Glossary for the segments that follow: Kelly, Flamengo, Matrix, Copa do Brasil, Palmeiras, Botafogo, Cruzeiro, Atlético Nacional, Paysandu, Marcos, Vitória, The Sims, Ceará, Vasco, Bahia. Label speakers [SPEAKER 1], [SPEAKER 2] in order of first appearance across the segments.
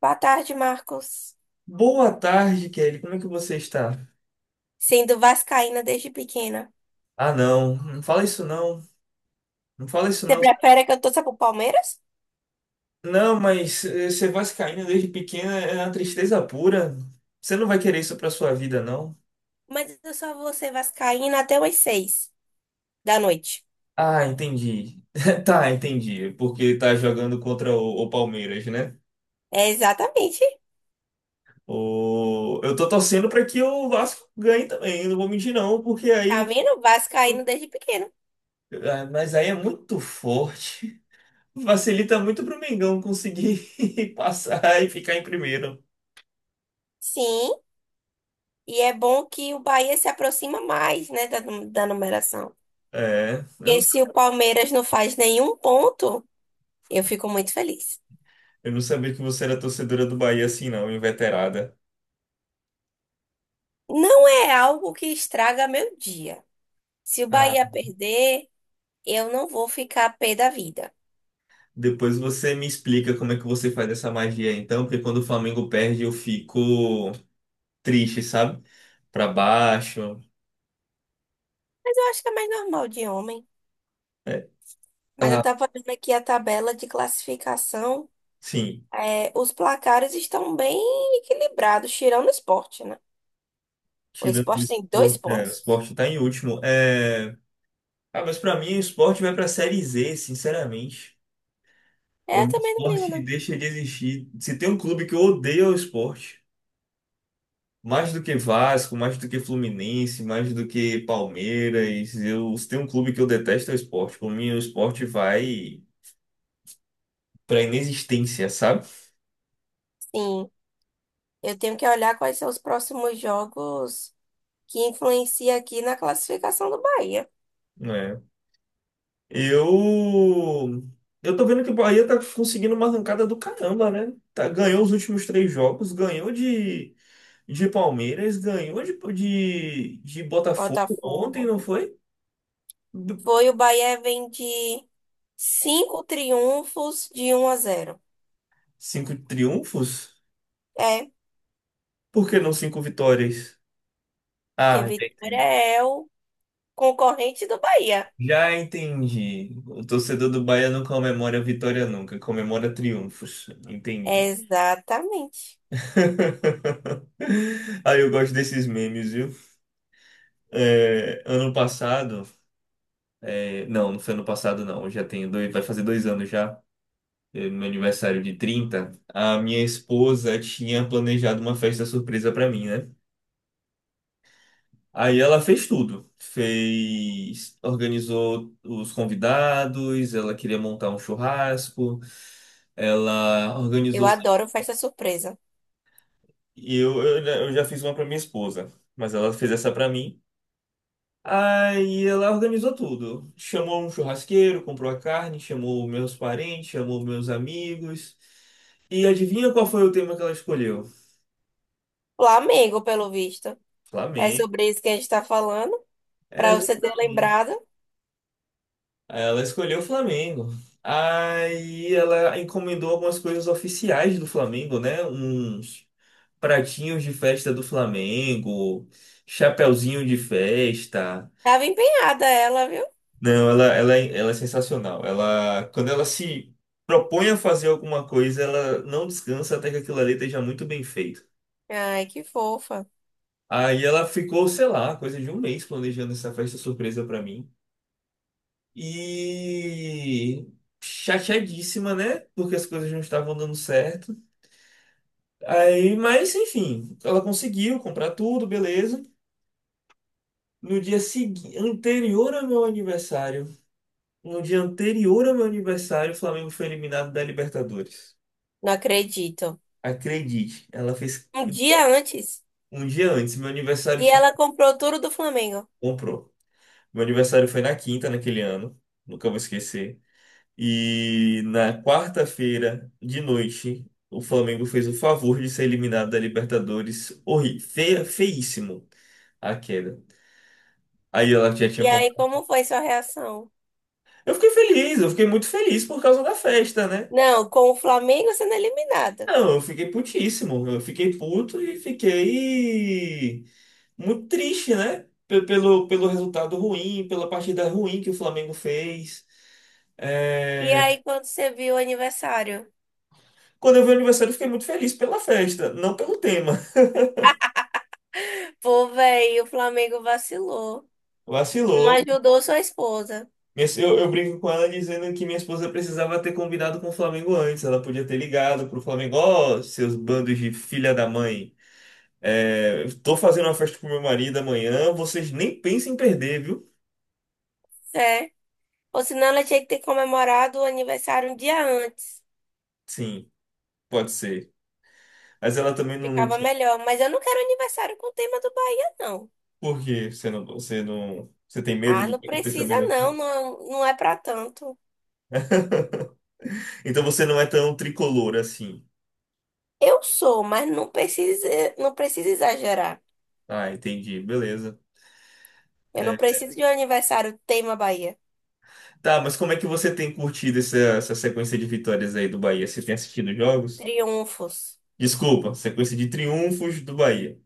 [SPEAKER 1] Boa tarde, Marcos.
[SPEAKER 2] Boa tarde, Kelly. Como é que você está?
[SPEAKER 1] Sendo vascaína desde pequena.
[SPEAKER 2] Ah, não. Não fala isso, não. Não fala isso,
[SPEAKER 1] Você
[SPEAKER 2] não.
[SPEAKER 1] prefere que eu torça pro Palmeiras?
[SPEAKER 2] Não, mas ser vascaíno desde pequena é uma tristeza pura. Você não vai querer isso pra sua vida, não?
[SPEAKER 1] Mas eu só vou ser vascaína até umas seis da noite.
[SPEAKER 2] Ah, entendi. Tá, entendi. Porque tá jogando contra o Palmeiras, né?
[SPEAKER 1] É, exatamente.
[SPEAKER 2] Eu tô torcendo pra que o Vasco ganhe também. Não vou mentir, não, porque
[SPEAKER 1] Tá
[SPEAKER 2] aí.
[SPEAKER 1] vendo? Vascaíno desde pequeno.
[SPEAKER 2] Mas aí é muito forte. Facilita muito pro Mengão conseguir passar e ficar em primeiro.
[SPEAKER 1] Sim, e é bom que o Bahia se aproxima mais, né, da numeração.
[SPEAKER 2] É. Eu não
[SPEAKER 1] Porque se o Palmeiras não faz nenhum ponto, eu fico muito feliz.
[SPEAKER 2] Eu não sabia que você era torcedora do Bahia assim, não, inveterada.
[SPEAKER 1] Não é algo que estraga meu dia. Se o
[SPEAKER 2] Ah,
[SPEAKER 1] Bahia perder, eu não vou ficar pé da vida.
[SPEAKER 2] depois você me explica como é que você faz essa magia, então, porque quando o Flamengo perde eu fico triste, sabe? Pra baixo.
[SPEAKER 1] Mas eu acho que é mais normal de homem.
[SPEAKER 2] É,
[SPEAKER 1] Mas eu
[SPEAKER 2] ah,
[SPEAKER 1] tava vendo aqui a tabela de classificação.
[SPEAKER 2] sim,
[SPEAKER 1] É, os placares estão bem equilibrados, tirando o esporte, né? O
[SPEAKER 2] tirando o
[SPEAKER 1] esporte tem dois
[SPEAKER 2] esporte, é, o
[SPEAKER 1] pontos.
[SPEAKER 2] esporte tá em último. É... Ah, mas pra mim o esporte vai pra Série Z, sinceramente.
[SPEAKER 1] É,
[SPEAKER 2] O
[SPEAKER 1] eu também não ligo,
[SPEAKER 2] esporte
[SPEAKER 1] não.
[SPEAKER 2] deixa de existir. Se tem um clube que eu odeio é o esporte. Mais do que Vasco, mais do que Fluminense, mais do que Palmeiras. Eu, se tem um clube que eu detesto é o esporte. Por mim, o esporte vai pra inexistência, sabe?
[SPEAKER 1] Sim, eu tenho que olhar quais são os próximos jogos que influenciam aqui na classificação do Bahia.
[SPEAKER 2] É. Eu. Eu tô vendo que o Bahia tá conseguindo uma arrancada do caramba, né? Tá, ganhou os últimos três jogos, ganhou de Palmeiras, ganhou de Botafogo ontem,
[SPEAKER 1] Botafogo.
[SPEAKER 2] não foi?
[SPEAKER 1] Foi o Bahia, vem de 5 triunfos de 1-0.
[SPEAKER 2] Cinco triunfos?
[SPEAKER 1] É,
[SPEAKER 2] Por que não cinco vitórias?
[SPEAKER 1] porque
[SPEAKER 2] Ah,
[SPEAKER 1] Vitória
[SPEAKER 2] entendi.
[SPEAKER 1] é o concorrente do Bahia.
[SPEAKER 2] Já entendi. O torcedor do Bahia não comemora vitória nunca, comemora triunfos. Entendi.
[SPEAKER 1] Exatamente.
[SPEAKER 2] Aí eu gosto desses memes, viu? É, ano passado. É, não, não foi ano passado, não. Eu já tenho dois, vai fazer 2 anos já. É, no meu aniversário de 30, a minha esposa tinha planejado uma festa surpresa pra mim, né? Aí ela fez tudo. Fez, organizou os convidados, ela queria montar um churrasco. Ela
[SPEAKER 1] Eu
[SPEAKER 2] organizou
[SPEAKER 1] adoro festa surpresa.
[SPEAKER 2] e eu já fiz uma para minha esposa, mas ela fez essa para mim. Aí ela organizou tudo. Chamou um churrasqueiro, comprou a carne, chamou meus parentes, chamou meus amigos. E adivinha qual foi o tema que ela escolheu?
[SPEAKER 1] Flamengo, pelo visto. É
[SPEAKER 2] Flamengo.
[SPEAKER 1] sobre isso que a gente tá falando. Pra você ter lembrado.
[SPEAKER 2] Exatamente. Ela escolheu o Flamengo. Aí ela encomendou algumas coisas oficiais do Flamengo, né? Uns pratinhos de festa do Flamengo, chapeuzinho de festa.
[SPEAKER 1] Tava empenhada ela, viu?
[SPEAKER 2] Não, ela é sensacional. Ela, quando ela se propõe a fazer alguma coisa, ela não descansa até que aquilo ali esteja muito bem feito.
[SPEAKER 1] Ai, que fofa.
[SPEAKER 2] Aí ela ficou, sei lá, coisa de um mês planejando essa festa surpresa pra mim. E chateadíssima, né? Porque as coisas não estavam dando certo. Aí, mas enfim, ela conseguiu comprar tudo, beleza. No dia seguinte, anterior ao meu aniversário, no dia anterior ao meu aniversário, o Flamengo foi eliminado da Libertadores.
[SPEAKER 1] Não acredito.
[SPEAKER 2] Acredite, ela fez
[SPEAKER 1] Um dia antes.
[SPEAKER 2] um dia antes. Meu aniversário
[SPEAKER 1] E
[SPEAKER 2] foi.
[SPEAKER 1] ela comprou tudo do Flamengo.
[SPEAKER 2] Comprou. Meu aniversário foi na quinta naquele ano. Nunca vou esquecer. E na quarta-feira de noite, o Flamengo fez o favor de ser eliminado da Libertadores. Horrível, feia, feíssimo a queda. Aí ela já
[SPEAKER 1] E
[SPEAKER 2] tinha
[SPEAKER 1] aí,
[SPEAKER 2] comprado.
[SPEAKER 1] como foi sua reação?
[SPEAKER 2] Eu fiquei feliz, eu fiquei muito feliz por causa da festa, né?
[SPEAKER 1] Não, com o Flamengo sendo eliminado.
[SPEAKER 2] Não, eu fiquei putíssimo. Eu fiquei puto e fiquei muito triste, né? Pelo resultado ruim, pela partida ruim que o Flamengo fez.
[SPEAKER 1] E
[SPEAKER 2] É,
[SPEAKER 1] aí, quando você viu o aniversário?
[SPEAKER 2] quando eu vi o aniversário, eu fiquei muito feliz pela festa, não pelo tema.
[SPEAKER 1] Pô, velho, o Flamengo vacilou. Não
[SPEAKER 2] Vacilou.
[SPEAKER 1] ajudou sua esposa,
[SPEAKER 2] Minha se- eu brinco com ela dizendo que minha esposa precisava ter combinado com o Flamengo antes. Ela podia ter ligado pro Flamengo, ó, seus bandos de filha da mãe. É, tô fazendo uma festa pro meu marido amanhã, vocês nem pensem em perder, viu?
[SPEAKER 1] é. Ou senão ela tinha que ter comemorado o aniversário um dia antes.
[SPEAKER 2] Sim. Pode ser. Mas ela também não, não
[SPEAKER 1] Ficava
[SPEAKER 2] tinha.
[SPEAKER 1] melhor. Mas eu não quero aniversário com o tema do Bahia, não.
[SPEAKER 2] Por quê? Você não, você não. Você tem medo
[SPEAKER 1] Ah,
[SPEAKER 2] de
[SPEAKER 1] não
[SPEAKER 2] que aconteça a
[SPEAKER 1] precisa,
[SPEAKER 2] mesma
[SPEAKER 1] não.
[SPEAKER 2] coisa?
[SPEAKER 1] Não, não é pra tanto.
[SPEAKER 2] Então você não é tão tricolor assim.
[SPEAKER 1] Eu sou, mas não precisa, não precisa exagerar.
[SPEAKER 2] Ah, entendi. Beleza.
[SPEAKER 1] Eu não
[SPEAKER 2] É.
[SPEAKER 1] preciso de um aniversário tema Bahia.
[SPEAKER 2] Tá, mas como é que você tem curtido essa, essa sequência de vitórias aí do Bahia? Você tem assistido jogos?
[SPEAKER 1] Triunfos.
[SPEAKER 2] Desculpa, sequência de triunfos do Bahia.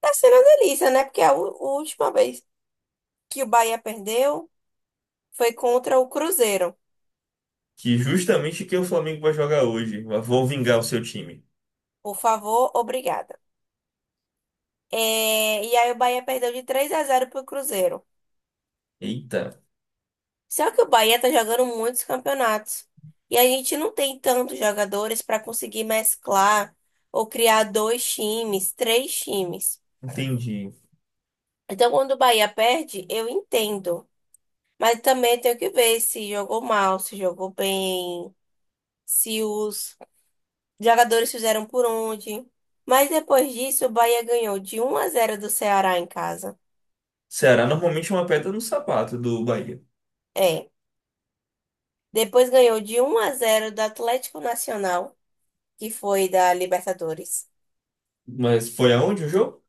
[SPEAKER 1] Tá sendo uma delícia, né? Porque a última vez que o Bahia perdeu foi contra o Cruzeiro.
[SPEAKER 2] Que justamente que o Flamengo vai jogar hoje. Vou vingar o seu time.
[SPEAKER 1] Por favor, obrigada. É, e aí o Bahia perdeu de três a 0 pro Cruzeiro.
[SPEAKER 2] Eita,
[SPEAKER 1] Só que o Bahia tá jogando muitos campeonatos. E a gente não tem tantos jogadores para conseguir mesclar ou criar dois times, três times.
[SPEAKER 2] entendi.
[SPEAKER 1] Então, quando o Bahia perde, eu entendo. Mas também tenho que ver se jogou mal, se jogou bem, se os jogadores fizeram por onde. Mas depois disso, o Bahia ganhou de 1-0 do Ceará em casa.
[SPEAKER 2] Ceará normalmente é uma pedra no sapato do Bahia.
[SPEAKER 1] É. Depois ganhou de 1-0 do Atlético Nacional, que foi da Libertadores.
[SPEAKER 2] Mas foi aonde o jogo?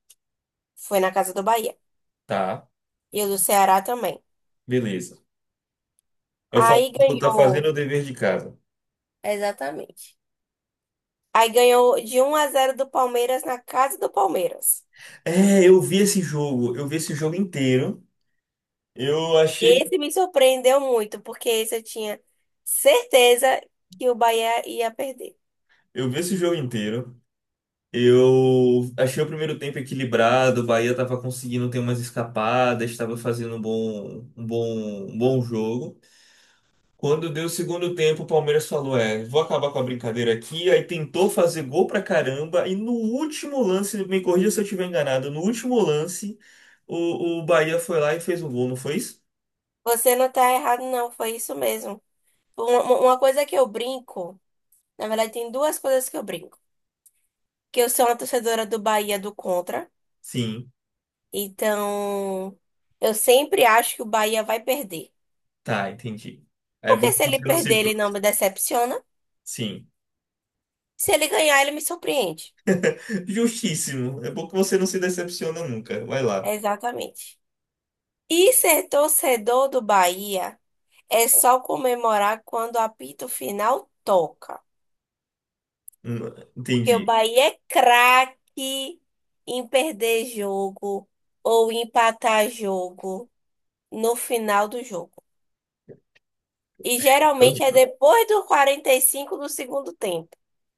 [SPEAKER 1] Foi na casa do Bahia.
[SPEAKER 2] Tá,
[SPEAKER 1] E o do Ceará também.
[SPEAKER 2] beleza. Eu falo,
[SPEAKER 1] Aí
[SPEAKER 2] tá fazendo
[SPEAKER 1] ganhou.
[SPEAKER 2] o dever de casa.
[SPEAKER 1] Exatamente. Aí ganhou de 1-0 do Palmeiras na casa do Palmeiras.
[SPEAKER 2] É, eu vi esse jogo, eu vi esse jogo inteiro. Eu achei que
[SPEAKER 1] Esse me surpreendeu muito, porque esse eu tinha certeza que o Bahia ia perder.
[SPEAKER 2] Eu vi esse jogo inteiro. Eu achei o primeiro tempo equilibrado, o Bahia tava conseguindo ter umas escapadas, estava fazendo um bom jogo. Quando deu o segundo tempo, o Palmeiras falou: "É, vou acabar com a brincadeira aqui". Aí tentou fazer gol pra caramba e no último lance, me corrija se eu estiver enganado, no último lance, o Bahia foi lá e fez um gol, não foi isso?
[SPEAKER 1] Você não tá errado, não. Foi isso mesmo. Uma coisa que eu brinco, na verdade, tem duas coisas que eu brinco. Que eu sou uma torcedora do Bahia do contra.
[SPEAKER 2] Sim.
[SPEAKER 1] Então, eu sempre acho que o Bahia vai perder.
[SPEAKER 2] Tá, entendi. É bom
[SPEAKER 1] Porque
[SPEAKER 2] que
[SPEAKER 1] se ele
[SPEAKER 2] você não se.
[SPEAKER 1] perder, ele não me
[SPEAKER 2] Frustra.
[SPEAKER 1] decepciona.
[SPEAKER 2] Sim.
[SPEAKER 1] Se ele ganhar, ele me surpreende.
[SPEAKER 2] Justíssimo. É bom que você não se decepciona nunca. Vai lá.
[SPEAKER 1] É, exatamente. E ser torcedor do Bahia é só comemorar quando o apito final toca.
[SPEAKER 2] Hum.
[SPEAKER 1] Porque o
[SPEAKER 2] Entendi.
[SPEAKER 1] Bahia é craque em perder jogo ou empatar jogo no final do jogo. E
[SPEAKER 2] É
[SPEAKER 1] geralmente é
[SPEAKER 2] horrível.
[SPEAKER 1] depois do 45 do segundo tempo.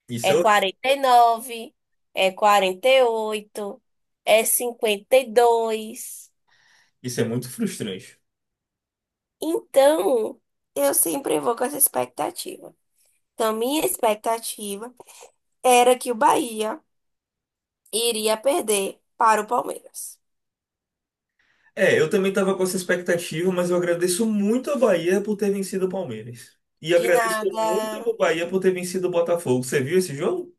[SPEAKER 2] Isso é,
[SPEAKER 1] É
[SPEAKER 2] horrível.
[SPEAKER 1] 49, é 48, é 52.
[SPEAKER 2] Isso é muito frustrante.
[SPEAKER 1] Então, eu sempre vou com essa expectativa. Então, minha expectativa era que o Bahia iria perder para o Palmeiras.
[SPEAKER 2] É, eu também estava com essa expectativa, mas eu agradeço muito a Bahia por ter vencido o Palmeiras. E
[SPEAKER 1] De
[SPEAKER 2] agradeço muito
[SPEAKER 1] nada.
[SPEAKER 2] ao Bahia por ter vencido o Botafogo. Você viu esse jogo?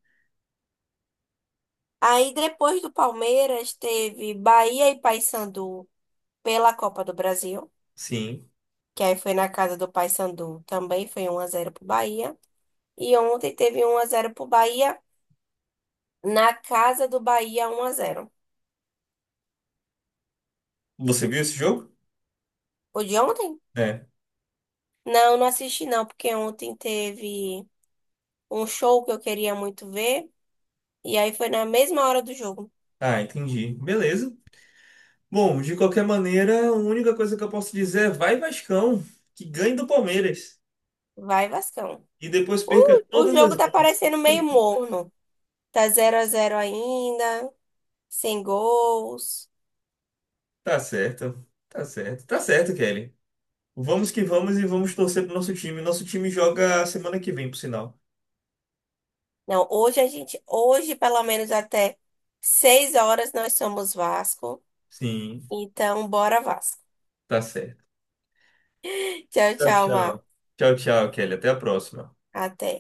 [SPEAKER 1] Aí, depois do Palmeiras, teve Bahia e Paysandu pela Copa do Brasil,
[SPEAKER 2] Sim.
[SPEAKER 1] que aí foi na casa do Paysandu, também foi um a 0 pro Bahia. E ontem teve um a 0 pro Bahia. Na casa do Bahia, 1-0.
[SPEAKER 2] Você viu esse jogo?
[SPEAKER 1] O de ontem?
[SPEAKER 2] É.
[SPEAKER 1] Não, não assisti não, porque ontem teve um show que eu queria muito ver. E aí foi na mesma hora do jogo.
[SPEAKER 2] Ah, entendi. Beleza. Bom, de qualquer maneira, a única coisa que eu posso dizer é vai Vascão, que ganhe do Palmeiras.
[SPEAKER 1] Vai, Vascão.
[SPEAKER 2] E depois perca
[SPEAKER 1] O, o
[SPEAKER 2] todas as
[SPEAKER 1] jogo tá
[SPEAKER 2] vidas.
[SPEAKER 1] parecendo meio morno. Tá 0-0 ainda, sem gols.
[SPEAKER 2] Tá certo. Tá certo. Tá certo, Kelly. Vamos que vamos e vamos torcer pro nosso time. Nosso time joga semana que vem, por sinal.
[SPEAKER 1] Não, hoje pelo menos até 6 horas nós somos Vasco.
[SPEAKER 2] Sim,
[SPEAKER 1] Então, bora Vasco.
[SPEAKER 2] tá certo.
[SPEAKER 1] Tchau,
[SPEAKER 2] Tchau,
[SPEAKER 1] tchau, Mar.
[SPEAKER 2] tchau. Tchau, tchau, Kelly. Até a próxima.
[SPEAKER 1] Até.